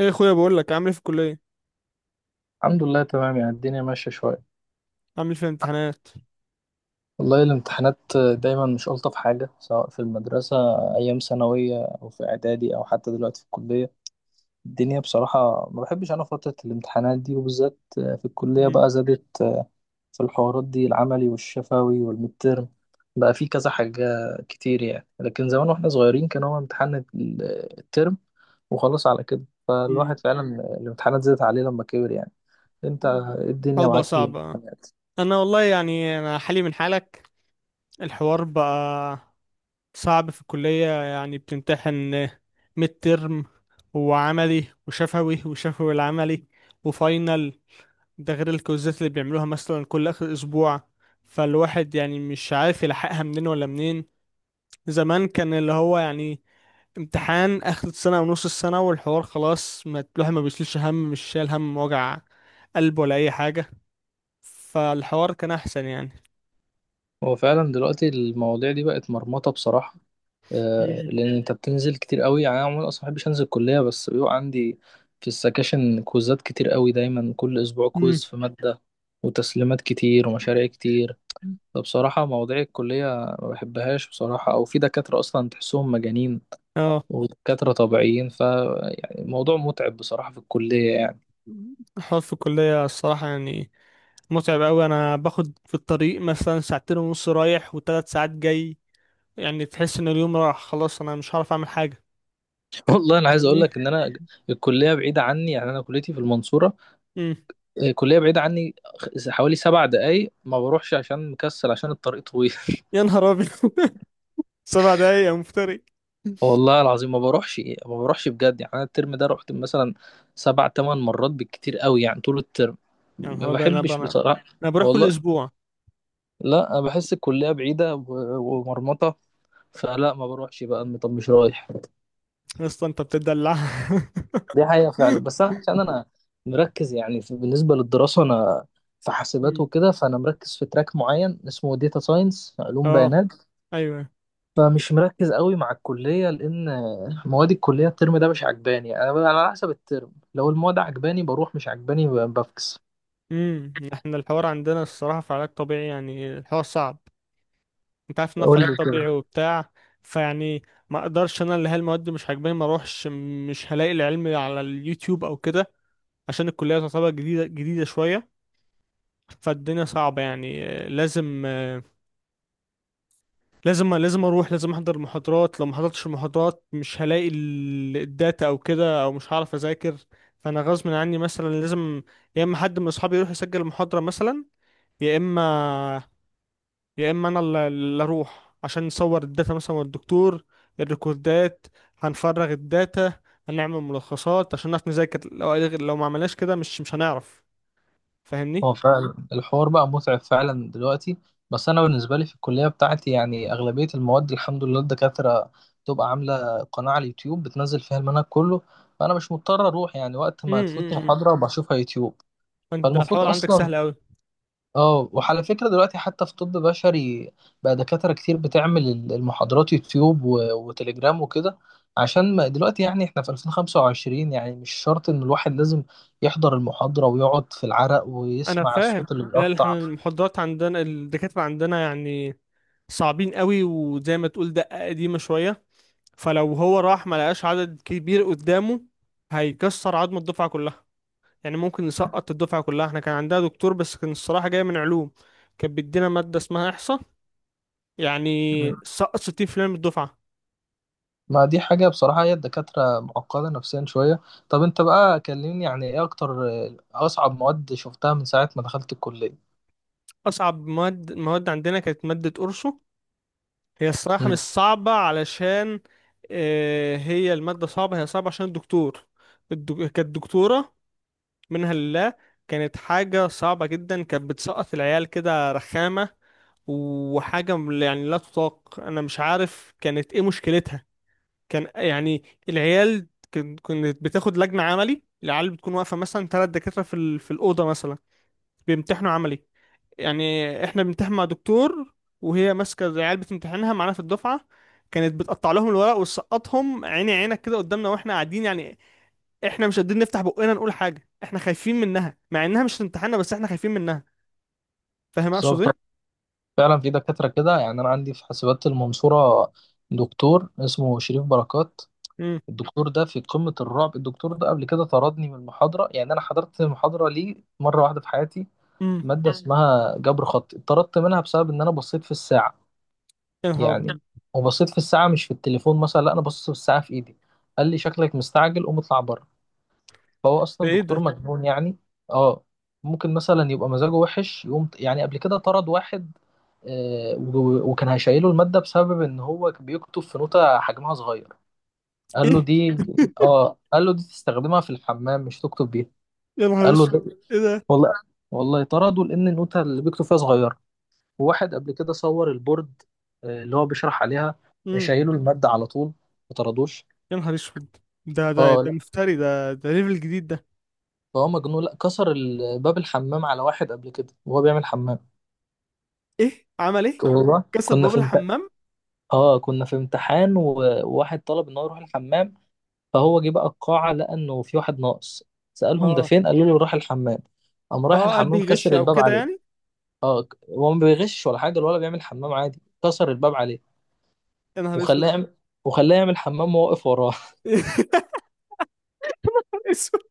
ايه يا اخويا، بقول لك عامل ايه في الكليه؟ الحمد لله، تمام. يعني الدنيا ماشية شوية. عامل ايه في الامتحانات؟ والله الامتحانات دايما مش ألطف حاجة، سواء في المدرسة أيام ثانوية أو في إعدادي أو حتى دلوقتي في الكلية. الدنيا بصراحة ما بحبش أنا فترة الامتحانات دي، وبالذات في الكلية مم. بقى زادت في الحوارات دي، العملي والشفوي والمترم، بقى في كذا حاجة كتير يعني. لكن زمان واحنا صغيرين كان هو امتحان الترم وخلاص، على كده مم. فالواحد فعلا الامتحانات زادت عليه لما كبر يعني. انت إيه الحوار الدنيا بقى معاك في صعب آه. الامتحانات؟ انا والله يعني انا حالي من حالك. الحوار بقى صعب في الكليه، يعني بتمتحن ميد ترم وعملي وشفوي وشفوي العملي وفاينل، ده غير الكوزات اللي بيعملوها مثلا كل اخر اسبوع. فالواحد يعني مش عارف يلحقها منين ولا منين. زمان كان اللي هو يعني امتحان اخر السنه او نص السنه والحوار خلاص، ما الواحد ما بيشيلش هم، مش شايل هم وجع قلب ولا اي حاجه. فالحوار كان احسن يعني. هو فعلا دلوقتي المواضيع دي بقت مرمطة بصراحة. آه، مم. لأن أنت بتنزل كتير قوي يعني. أنا عموما أصلا مبحبش أنزل الكلية، بس بيبقى عندي في السكاشن كويزات كتير قوي، دايما كل أسبوع مم. كويز في مادة وتسليمات كتير ومشاريع كتير. فبصراحة مواضيع الكلية ما بحبهاش بصراحة، أو في دكاترة أصلا تحسهم مجانين اه. ودكاترة طبيعيين. ف يعني الموضوع متعب بصراحة في الكلية يعني. الحوار في الكليه الصراحه يعني متعب قوي. انا باخد في الطريق مثلا ساعتين ونص رايح وثلاث ساعات جاي. يعني تحس ان اليوم راح خلاص، انا مش هعرف اعمل حاجه. والله أنا عايز أقول فاهمني؟ لك إن أنا الكلية بعيدة عني يعني، أنا كليتي في المنصورة. امم. آه، كلية بعيدة عني، حوالي 7 دقايق، ما بروحش عشان مكسل، عشان الطريق طويل. يا نهار ابيض! 7 دقايق يا مفتري! والله العظيم ما بروحش، ما بروحش بجد يعني. انا الترم ده رحت مثلا 7 8 مرات بالكتير قوي يعني طول الترم، يا نهار ما ابيض، انا بحبش بقى بصراحة. انا بروح كل والله اسبوع. لا، انا بحس الكلية بعيدة ومرمطة، فلا ما بروحش بقى، طب مش رايح. يا اسطى انت بتدلع! دي حقيقة فعلا. مم. بس أنا عشان أنا مركز يعني بالنسبة للدراسة، أنا في حاسبات وكده، فأنا مركز في تراك معين اسمه داتا ساينس، علوم اه. بيانات. ايوه. فمش مركز قوي مع الكلية، لأن مواد الكلية الترم ده مش عجباني. أنا على حسب الترم، لو المواد عجباني بروح، مش عجباني بفكس. امم، احنا الحوار عندنا الصراحه في علاج طبيعي، يعني الحوار صعب. انت عارف ان أنا في قول علاج لي طبيعي كده. وبتاع. فيعني ما اقدرش، انا اللي هي المواد مش عاجباني ما اروحش، مش هلاقي العلم على اليوتيوب او كده، عشان الكليه تعتبر جديده جديده شويه. فالدنيا صعبه يعني آه، لازم لازم لازم اروح، لازم احضر المحاضرات. لو ما حضرتش المحاضرات مش هلاقي الداتا او كده، او مش هعرف اذاكر. فانا غصب عني مثلا لازم يا اما حد من اصحابي يروح يسجل المحاضرة مثلا، يا اما يا اما انا اللي اروح عشان نصور الداتا مثلا والدكتور الريكوردات، هنفرغ الداتا، هنعمل ملخصات عشان نعرف نذاكر. لو ما عملناش كده مش هنعرف. فاهمني؟ هو فعلا الحوار بقى متعب فعلا دلوقتي، بس أنا بالنسبة لي في الكلية بتاعتي يعني أغلبية المواد الحمد لله الدكاترة بتبقى عاملة قناة على اليوتيوب بتنزل فيها المنهج كله. فأنا مش مضطر أروح يعني، وقت ما تفوتني امم. محاضرة بشوفها يوتيوب. انت ده فالمفروض الحوار عندك أصلا، سهل قوي. اه وعلى فكرة دلوقتي حتى في طب بشري بقى دكاترة كتير بتعمل المحاضرات يوتيوب وتليجرام وكده، عشان ما دلوقتي يعني احنا في 2025 يعني مش شرط ان الواحد لازم يحضر المحاضرة ويقعد في العرق انا ويسمع فاهم. الصوت اللي لا لا، بيقطع. احنا المحاضرات عندنا الدكاترة عندنا يعني صعبين قوي، وزي ما تقول دقة قديمة شوية. فلو هو راح ما لقاش عدد كبير قدامه هيكسر عظمة الدفعة كلها، يعني ممكن يسقط الدفعة كلها. احنا كان عندنا دكتور بس كان الصراحة جاي من علوم، كان بيدينا مادة اسمها إحصاء، يعني مم. سقط 60% من الدفعة. ما دي حاجة بصراحة، هي الدكاترة معقدة نفسيا شوية. طب انت بقى كلمني يعني، ايه اكتر، آه، اصعب مواد شفتها من ساعة ما دخلت الكلية؟ أصعب مواد عندنا كانت مادة أرسو. هي الصراحة مش مم. صعبة، علشان آه، هي المادة صعبة، هي صعبة عشان الدكتور. كانت دكتورة منها لله. كانت حاجة صعبة جدا، كانت بتسقط العيال كده رخامة، وحاجة يعني لا تطاق. أنا مش عارف كانت إيه مشكلتها. كان يعني العيال كانت بتاخد لجنة عملي، العيال بتكون واقفة مثلا 3 دكاترة في في الأوضة مثلا بيمتحنوا عملي. يعني إحنا بنمتحن مع دكتور، وهي ماسكة العيال بتمتحنها معانا في الدفعة. كانت بتقطع لهم الورق وتسقطهم عيني عينك كده قدامنا واحنا قاعدين يعني. احنا مش قادرين نفتح بقنا نقول حاجه، احنا خايفين منها، مع انها مش تمتحنا بس احنا خايفين منها. فاهم اقصد بالظبط. ايه؟ فعلا في دكاترة كده يعني. أنا عندي في حاسبات المنصورة دكتور اسمه شريف بركات، امم. الدكتور ده في قمة الرعب. الدكتور ده قبل كده طردني من المحاضرة يعني، أنا حضرت محاضرة ليه مرة واحدة في حياتي، امم. مادة اسمها جبر خطي، اتطردت منها بسبب إن أنا بصيت في الساعة يا نهار يعني، أبيض. وبصيت في الساعة مش في التليفون مثلا، لا أنا بصيت في الساعة في إيدي. قال لي شكلك مستعجل، قوم اطلع بره. فهو ده أصلا ايه دكتور ده؟ مجنون يعني، أه. ممكن مثلا يبقى مزاجه وحش، يقوم يعني قبل كده طرد واحد، آه، وكان هيشيله المادة بسبب إن هو كان بيكتب في نوتة حجمها صغير. قال له ايه؟ دي آه، قال له دي تستخدمها في الحمام مش تكتب بيها. يا نهار قال له اسود! ده، ايه ده؟ والله والله طردوا لأن النوتة اللي بيكتب فيها صغيرة. وواحد قبل كده صور البورد، آه، اللي هو بيشرح عليها، امم. شايله المادة على طول، ما طردوش. يا نهار اسود! ده ده اه ده لا، مفتري، ده ليفل جديد ده. فهو مجنون. لا، كسر باب الحمام على واحد قبل كده وهو بيعمل حمام. ايه عمل ايه؟ والله كسر كنا باب في امتحان، الحمام؟ اه كنا في امتحان وواحد طلب ان هو يروح الحمام، فهو جه بقى القاعة لقى إنه في واحد ناقص. سألهم ده اه. فين، قالوا له راح الحمام، قام رايح اه قلبي الحمام يغش كسر او الباب كده عليه. يعني. اه، هو ما بيغش ولا حاجة ولا بيعمل حمام عادي، كسر الباب عليه. يا نهار اسود! وخلاه يعمل وخلاه يعمل حمام وهو واقف وراه. يا نهار اسود!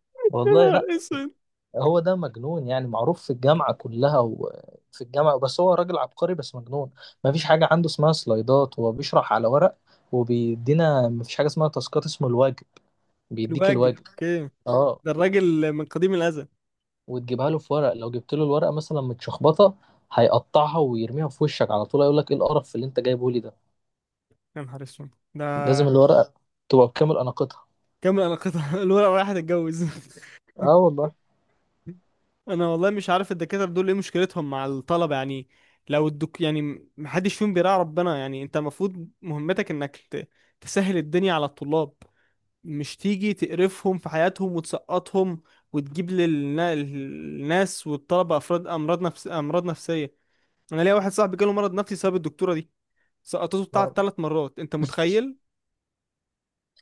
يا والله نهار لا. اسود! هو ده مجنون يعني، معروف في الجامعة كلها وفي الجامعة، بس هو راجل عبقري بس مجنون. مفيش حاجة عنده اسمها سلايدات، هو بيشرح على ورق، وبيدينا مفيش حاجة اسمها تاسكات، اسمه الواجب، بيديك الواجب الواجب. اوكي. اه. ده الراجل من قديم الازل. وتجيبها له في ورق، لو جبت له الورقه مثلا متشخبطه هيقطعها ويرميها في وشك على طول، هيقول لك ايه القرف اللي انت جايبه لي ده؟ يا نهار اسود ده. لازم الورقه تبقى بكامل اناقتها. كمل، انا قطع الورقه رايحه تتجوز. اه والله. انا والله مش عارف الدكاتره دول ايه مشكلتهم مع الطلبه يعني. لو الدك يعني محدش فيهم بيراعي ربنا. يعني انت المفروض مهمتك انك تسهل الدنيا على الطلاب، مش تيجي تقرفهم في حياتهم وتسقطهم، وتجيب للناس والطلبه افراد امراض نفسيه. انا ليا واحد صاحبي جاله مرض نفسي بسبب الدكتوره دي، سقطته بتاع آه. 3 مرات، انت متخيل؟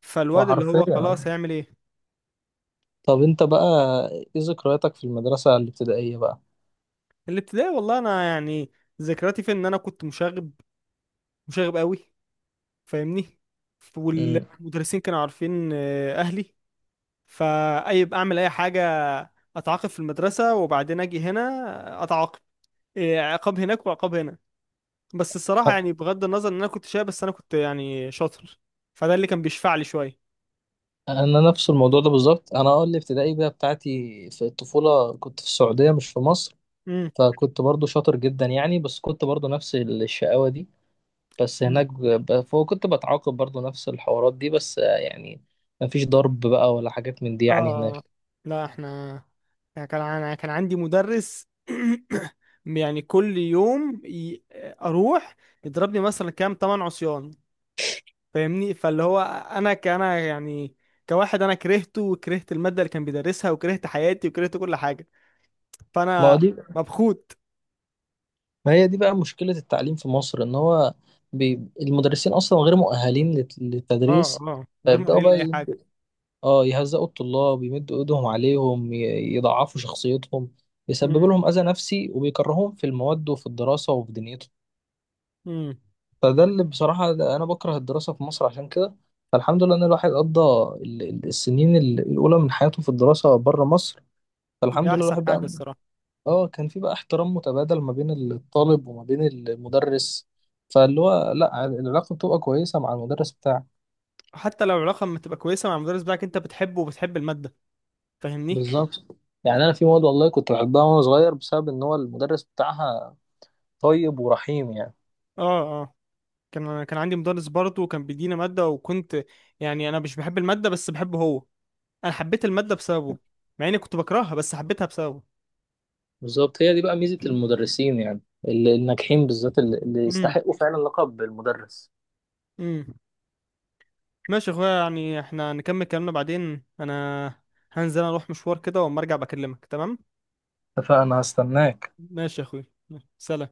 فالواد اللي وحرفيا هو خلاص آه. هيعمل ايه؟ طب انت بقى، ايه ذكرياتك في المدرسه الابتدائيه بقى؟ الابتدائي والله انا يعني ذكرياتي في ان انا كنت مشاغب، مشاغب قوي. فاهمني؟ امم. والمدرسين كانوا عارفين آه، اهلي. فاي يبقى اعمل اي حاجه اتعاقب في المدرسه، وبعدين اجي هنا اتعاقب آه، عقاب هناك وعقاب هنا. بس الصراحه يعني بغض النظر ان انا كنت شايب بس انا كنت يعني شاطر، فده اللي كان بيشفع لي شويه. انا نفس الموضوع ده بالظبط. انا اه الابتدائي بقى بتاعتي في الطفوله كنت في السعوديه مش في مصر، امم. فكنت برضو شاطر جدا يعني، بس كنت برضو نفس الشقاوه دي. بس أمم. هناك فهو كنت بتعاقب برضو نفس الحوارات دي، بس آه، يعني مفيش ضرب بقى ولا حاجات من دي يعني اه. هناك. لا، احنا يعني انا كان عندي مدرس، يعني كل يوم اروح يضربني مثلا كام 8 عصيان. فاهمني؟ فاللي هو انا كأنا يعني كواحد انا كرهته، وكرهت المادة اللي كان بيدرسها، وكرهت حياتي، وكرهت كل حاجة. ما هو فانا دي مبخوت. ما هي دي بقى مشكلة التعليم في مصر، ان هو المدرسين اصلا غير مؤهلين اه. للتدريس، اه غير فيبدأوا مؤهلين بقى لأي حاجة. يهزقوا الطلاب، يمدوا ايدهم عليهم، يضعفوا شخصيتهم، يسببوا امم. لهم اذى نفسي وبيكرههم في المواد وفي الدراسة وفي دنيتهم. امم. فده اللي بصراحة أنا بكره الدراسة في مصر عشان كده. فالحمد لله إن الواحد قضى السنين الأولى من حياته في الدراسة بره مصر، دي فالحمد لله احسن الواحد حاجة بقى. الصراحة. آه، كان في بقى احترام متبادل ما بين الطالب وما بين المدرس، فاللي هو لأ، العلاقة بتبقى كويسة مع المدرس بتاعك. حتى لو العلاقة ما تبقى كويسة مع المدرس بتاعك انت بتحبه وبتحب المادة. فاهمني؟ بالظبط. يعني أنا في مواد والله كنت بحبها وأنا صغير بسبب إن هو المدرس بتاعها طيب ورحيم يعني. اه. اه كان عندي مدرس برضه كان بيدينا مادة، وكنت يعني انا مش بحب المادة بس بحبه هو. انا حبيت المادة بسببه، مع اني كنت بكرهها بس حبيتها بسببه. بالظبط. هي دي بقى ميزة المدرسين يعني الناجحين، بالذات اللي يستحقوا فعلا لقب المدرس. امم. ماشي يا اخويا، يعني احنا نكمل كلامنا بعدين. انا هنزل اروح مشوار كده واما ارجع بكلمك، تمام؟ اتفقنا، هستناك. ماشي يا اخويا. سلام.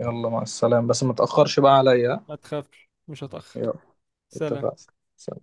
يلا، مع السلامة، بس ما تأخرش بقى عليا. ما تخافش، مش هتأخر. يلا. سلام. اتفقنا.